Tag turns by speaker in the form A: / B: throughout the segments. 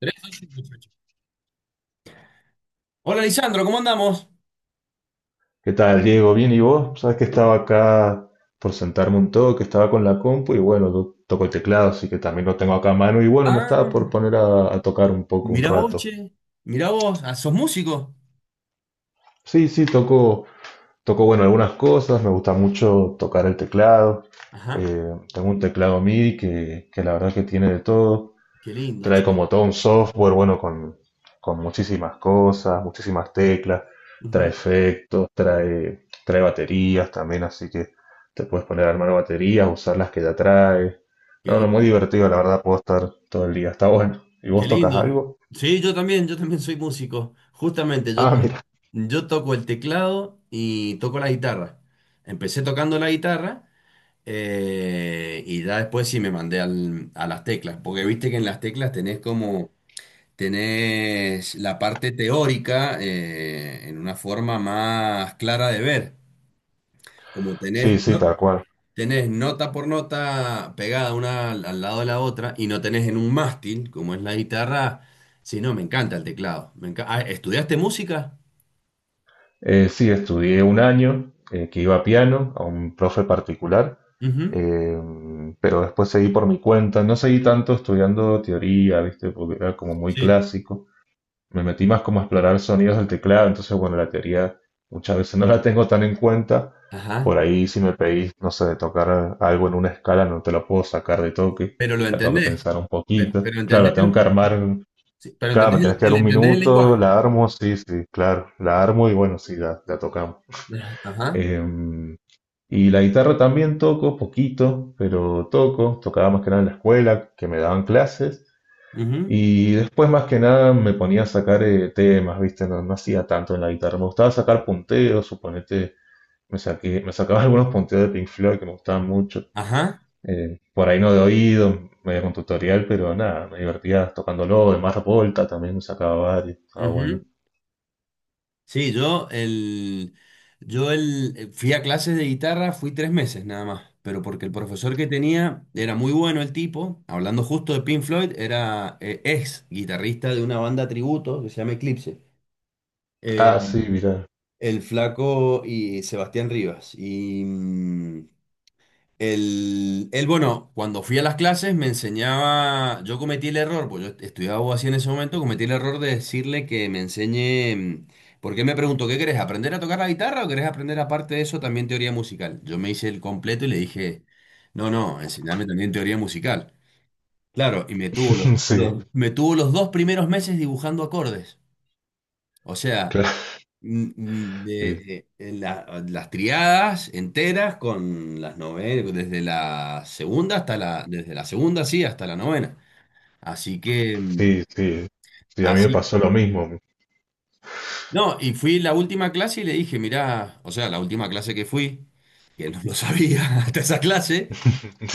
A: Tres, ocho, ocho. Hola, Lisandro, ¿cómo andamos?
B: ¿Qué tal, Diego? Bien, ¿y vos? Sabes que estaba acá por sentarme un toque, estaba con la compu y bueno, toco el teclado, así que también lo tengo acá a mano y bueno, me
A: Ah,
B: estaba por poner a tocar un poco, un
A: mirá vos,
B: rato.
A: che. Mirá vos, ah, ¿sos músico?
B: Sí, sí, toco, toco, bueno, algunas cosas, me gusta mucho tocar el teclado.
A: Ajá,
B: Eh, Tengo un teclado MIDI que la verdad que tiene de todo.
A: qué lindo,
B: Trae
A: che.
B: como todo un software, bueno, con muchísimas cosas, muchísimas teclas, trae
A: Ujú.
B: efectos, trae baterías también, así que te puedes poner a armar baterías, usar las que ya trae.
A: Qué
B: No, no, muy
A: lindo.
B: divertido, la verdad, puedo estar todo el día, está bueno. ¿Y
A: Qué
B: vos tocas
A: lindo.
B: algo?
A: Sí, yo también soy músico. Justamente,
B: Ah, mira,
A: yo toco el teclado y toco la guitarra. Empecé tocando la guitarra, y ya después sí me mandé a las teclas, porque viste que en las teclas tenés como... Tenés la parte teórica, en una forma más clara de ver. Como tenés,
B: sí, sí,
A: no-
B: tal cual.
A: Tenés nota por nota pegada una al lado de la otra, y no tenés en un mástil, como es la guitarra. Sí, no, me encanta el teclado. Ah, ¿estudiaste música?
B: Sí, estudié un año que iba a piano, a un profe particular,
A: Ujú.
B: eh, pero después seguí por mi cuenta, no seguí tanto estudiando teoría, ¿viste? Porque era como muy
A: Sí.
B: clásico. Me metí más como a explorar sonidos del teclado, entonces bueno, la teoría muchas veces no la tengo tan en cuenta.
A: Ajá.
B: Por ahí si me pedís, no sé, de tocar algo en una escala, no te lo puedo sacar de toque,
A: Pero lo
B: la tengo que
A: entendés.
B: pensar un
A: Pero,
B: poquito.
A: pero
B: Claro,
A: entendés
B: la tengo que
A: el,
B: armar,
A: sí, pero
B: claro, me
A: entendés
B: tenés que dar
A: el-
B: un
A: entendés el lenguaje.
B: minuto, la armo, sí, sí, claro, la armo y bueno, sí, la tocamos.
A: Ajá. Ajá.
B: Em, y la guitarra también toco, poquito, pero toco, tocaba más que nada en la escuela, que me daban clases.
A: Ujú.
B: Y después más que nada me ponía a sacar temas, ¿viste? No, no hacía tanto en la guitarra. Me gustaba sacar punteos, suponete, me sacaba algunos punteos de Pink Floyd que me gustaban mucho.
A: Ajá.
B: Por ahí no de oído, medio con tutorial, pero nada, me divertía tocándolo. De Mars Volta también me sacaba varios. Ah, bueno.
A: Ujú. Sí, fui a clases de guitarra, fui 3 meses nada más, pero porque el profesor que tenía era muy bueno el tipo, hablando justo de Pink Floyd, era, ex guitarrista de una banda tributo que se llama Eclipse,
B: Ah,
A: eh,
B: sí, mira.
A: el Flaco y Sebastián Rivas. Y, él, bueno, cuando fui a las clases me enseñaba. Yo cometí el error, pues yo estudiaba abogacía en ese momento, cometí el error de decirle que me enseñe, porque él me preguntó: ¿qué querés? ¿Aprender a tocar la guitarra o querés aprender aparte de eso también teoría musical? Yo me hice el completo y le dije: no, no, enseñame también teoría musical. Claro, y me tuvo
B: Sí,
A: me tuvo los 2 primeros meses dibujando acordes. O sea,
B: claro. Sí,
A: las triadas enteras con las novelas, desde la segunda hasta la, desde la segunda, sí, hasta la novena. Así que,
B: sí, sí. Sí, a mí me
A: así,
B: pasó lo mismo.
A: no, y fui la última clase y le dije: mirá, o sea, la última clase que fui, que no lo sabía hasta esa clase,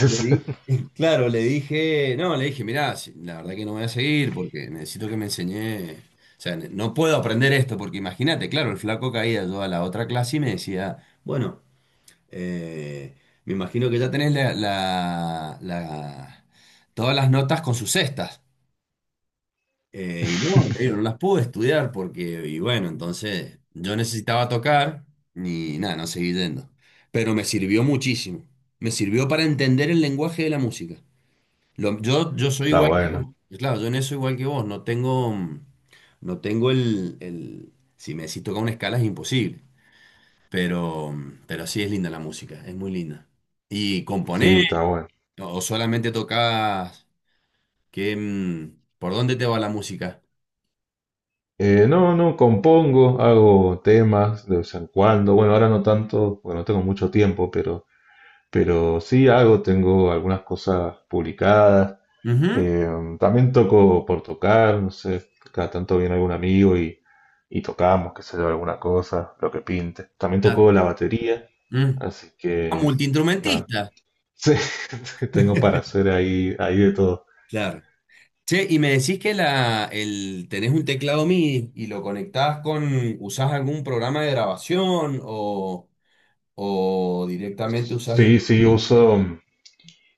A: le di, claro, no, le dije, mirá, la verdad que no voy a seguir porque necesito que me enseñé. O sea, no puedo aprender esto porque imagínate, claro, el flaco caía yo a la otra clase y me decía: bueno, Eh, me imagino que ya tenés todas las notas con sus cestas. Y no, te digo, no las pude estudiar porque, y bueno, entonces yo necesitaba tocar y nada, no seguí yendo. Pero me sirvió muchísimo. Me sirvió para entender el lenguaje de la música. Yo soy
B: Está
A: igual que
B: bueno.
A: vos. Claro, yo en eso igual que vos. No tengo, mm, no tengo el- si me decís tocar una escala, es imposible. Pero, pero sí es linda la música, es muy linda. ¿Y
B: Sí,
A: componés
B: está bueno.
A: o solamente tocas? ¿ Por dónde te va la música?
B: No, no, compongo, hago temas de vez en cuando. Bueno, ahora no tanto, porque no tengo mucho tiempo, pero sí hago, tengo algunas cosas publicadas.
A: Ujú.
B: Eh, También toco por tocar, no sé, cada tanto viene algún amigo y tocamos, qué sé yo, alguna cosa, lo que pinte. También
A: Claro.
B: toco la batería,
A: Mm.
B: así
A: Ah,
B: que nada,
A: multiinstrumentista.
B: sí, tengo para hacer ahí, ahí de todo.
A: Claro. Che, y me decís que tenés un teclado MIDI y lo conectás con. ¿Usás algún programa de grabación, o directamente usás
B: Sí, sí, uso.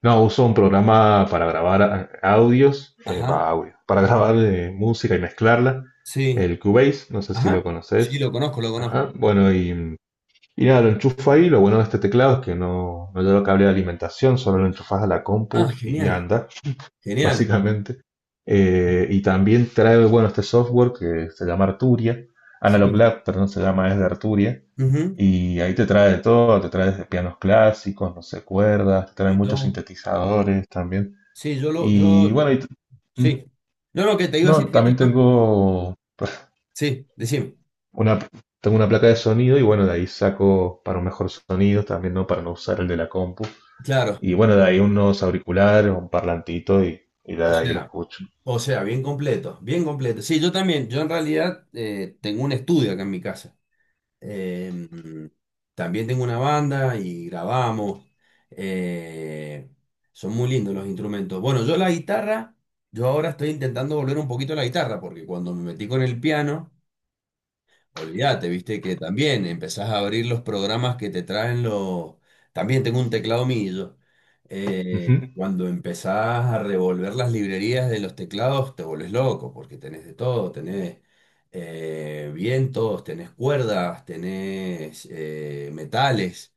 B: No, uso un programa para grabar audios,
A: Ajá,
B: audio, para grabar música y mezclarla,
A: sí,
B: el Cubase, no sé si lo
A: ajá. Sí,
B: conoces.
A: lo conozco, lo conozco.
B: Ajá, bueno, y nada, lo enchufo ahí. Lo bueno de este teclado es que no, no lleva cable de alimentación, solo lo enchufas a la
A: Ah,
B: compu y
A: genial,
B: anda
A: genial.
B: básicamente. Y también trae, bueno, este software que se llama
A: Sí.
B: Analog Lab, perdón, se llama, es de Arturia.
A: Ujú.
B: Y ahí te trae de todo, te trae desde pianos clásicos, no sé, cuerdas, te trae
A: Mi
B: muchos
A: tomo.
B: sintetizadores también.
A: Sí,
B: Y bueno, y t- mm,
A: sí. No, no, que te iba a
B: no,
A: decir que
B: también tengo
A: sí, decime,
B: una, tengo una placa de sonido y bueno, de ahí saco para un mejor sonido también, ¿no? Para no usar el de la compu.
A: claro,
B: Y bueno, de ahí unos auriculares, un parlantito y de
A: o
B: ahí lo
A: sea,
B: escucho.
A: o sea, bien completo, bien completo. Sí, yo también, yo en realidad, tengo un estudio acá en mi casa. Eh, También tengo una banda y grabamos. eh, Son muy lindos los instrumentos. Bueno, yo la guitarra, yo ahora estoy intentando volver un poquito a la guitarra, porque cuando me metí con el piano... Olvídate, viste que también empezás a abrir los programas que te traen los... También tengo un teclado millo. Eh, Cuando empezás a revolver las librerías de los teclados, te volvés loco, porque tenés de todo, tenés, vientos, tenés cuerdas, tenés, metales,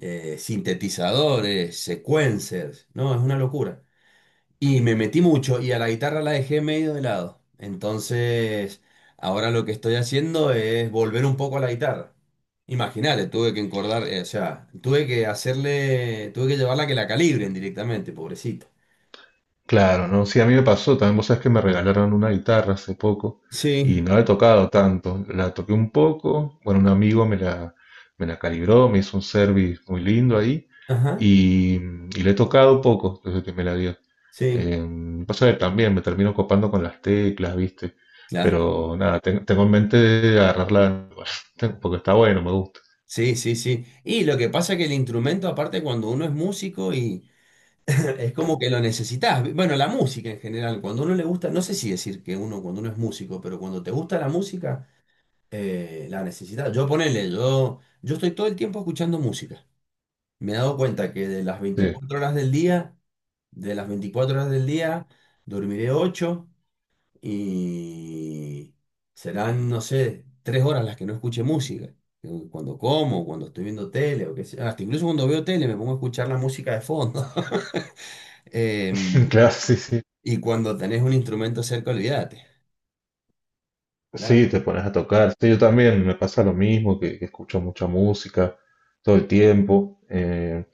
A: sintetizadores, sequencers. No, es una locura. Y me metí mucho y a la guitarra la dejé medio de lado. Entonces, ahora lo que estoy haciendo es volver un poco a la guitarra. Imagínate, tuve que encordar, o sea, tuve que hacerle, tuve que llevarla a que la calibren directamente, pobrecita.
B: Claro, ¿no? Sí, a mí me pasó también, vos sabés que me regalaron una guitarra hace poco y
A: Sí.
B: no la he tocado tanto, la toqué un poco, bueno, un amigo me la calibró, me hizo un service muy lindo ahí
A: Ajá,
B: y la he tocado poco desde que me la dio.
A: sí,
B: Pasa que también me termino copando con las teclas, ¿viste?
A: claro.
B: Pero nada, tengo en mente de agarrarla, porque está bueno, me gusta.
A: Sí, sí, sí. Y lo que pasa es que el instrumento, aparte, cuando uno es músico y es como que lo necesitas. Bueno, la música en general, cuando uno le gusta, no sé si decir que uno, cuando uno es músico, pero cuando te gusta la música, la necesidad. Yo, ponele, yo estoy todo el tiempo escuchando música. Me he dado cuenta que de las
B: Sí,
A: 24 horas del día, de las 24 horas del día, dormiré ocho, y serán, no sé, 3 horas las que no escuche música. Cuando como, cuando estoy viendo tele o qué sé, hasta incluso cuando veo tele me pongo a escuchar la música de fondo. Em,
B: claro, sí, sí.
A: y cuando tenés un instrumento cerca, olvídate.
B: Sí,
A: Nada.
B: te pones a tocar. Sí, yo también me pasa lo mismo, que escucho mucha música todo el tiempo.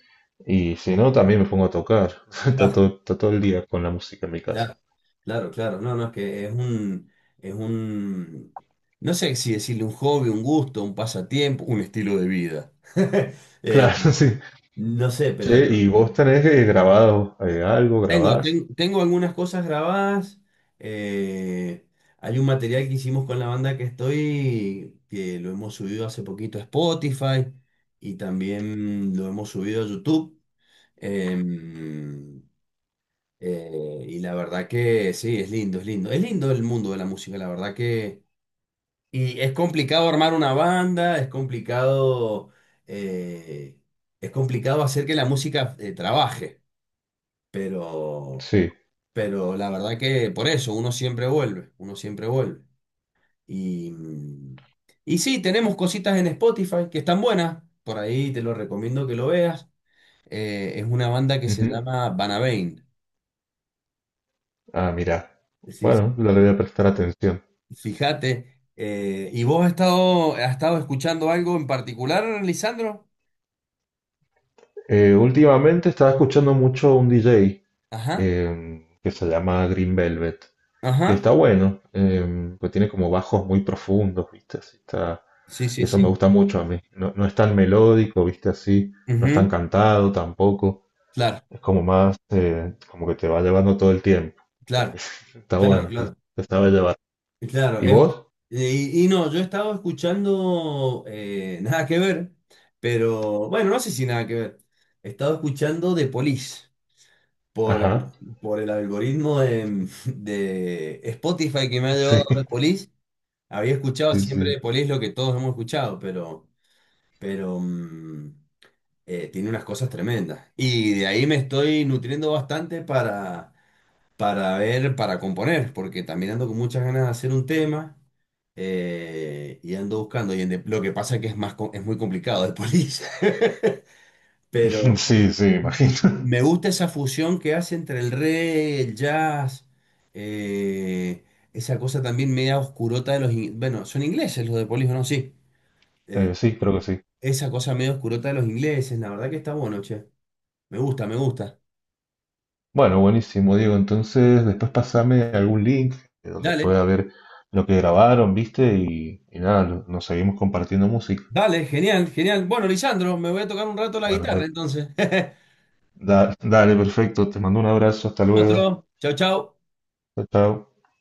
B: Y si no, también me pongo a tocar. Está todo el día con la música en mi casa.
A: Ya, claro, claro. No, no, es que es un, es un, no sé si decirle un hobby, un gusto, un pasatiempo, un estilo de vida. Eh,
B: Claro, sí.
A: no sé, pero
B: Che, ¿y
A: no.
B: vos tenés grabado algo?
A: Tengo,
B: ¿Grabás?
A: ten- tengo algunas cosas grabadas. eh, Hay un material que hicimos con la banda que estoy, que lo hemos subido hace poquito a Spotify, y también lo hemos subido a YouTube. Em, y la verdad que sí, es lindo, es lindo. Es lindo el mundo de la música, la verdad que... Y es complicado armar una banda, eh, es complicado hacer que la música, trabaje, pero,
B: Sí.
A: pero la verdad que por eso uno siempre vuelve, uno siempre vuelve. Y, mm, y sí, tenemos cositas en Spotify que están buenas, por ahí te lo recomiendo que lo veas. Es una banda que se
B: Ujú.
A: llama Banabane.
B: Ah, mirá. Bueno, le voy a prestar atención.
A: Fíjate, ¿y vos has estado escuchando algo en particular, Lisandro?
B: Últimamente estaba escuchando mucho un DJ.
A: Ajá,
B: Que se llama Green Velvet, que
A: ajá,
B: está bueno, em, pues tiene como bajos muy profundos, ¿viste? Así está,
A: sí,
B: y
A: sí,
B: eso me
A: sí.
B: gusta mucho a mí. No, no es tan melódico, ¿viste? Así, no es tan
A: Ujú.
B: cantado tampoco.
A: Claro,
B: Es como más, como que te va llevando todo el tiempo.
A: claro,
B: Está
A: claro,
B: bueno, sí,
A: claro,
B: te sabe llevar.
A: claro.
B: ¿Y vos?
A: Y no, yo he estado escuchando, nada que ver, pero bueno, no sé si nada que ver. He estado escuchando The Police, por,
B: Ajá,
A: por el algoritmo de Spotify, que me ha llevado
B: sí,
A: The Police. Había escuchado
B: sí,
A: siempre
B: sí.
A: The Police, lo que todos hemos escuchado, pero... Pero, tiene unas cosas tremendas. Y de ahí me estoy nutriendo bastante para ver, para componer, porque también ando con muchas ganas de hacer un tema, y ando buscando. Lo que pasa es que es muy complicado de polir, pero
B: Sí, sí, imagino.
A: me gusta esa fusión que hace entre el reggae, el jazz, eh, esa cosa también media oscurota de los... Bueno, son ingleses los de Police, ¿no? Sí. Eh,
B: Sí, creo que sí.
A: Esa cosa medio oscurota de los ingleses, la verdad que está bueno, che. Me gusta, me gusta.
B: Bueno, buenísimo, Diego. Entonces, después pasame algún link donde
A: Dale,
B: pueda ver lo que grabaron, ¿viste? Y y nada, nos seguimos compartiendo música.
A: dale, genial, genial. Bueno, Lisandro, me voy a tocar un rato la
B: Bueno,
A: guitarra,
B: pues,
A: entonces.
B: dale, perfecto. Te mando un abrazo. Hasta luego.
A: Otro. Chau, chau.
B: Chao, chao.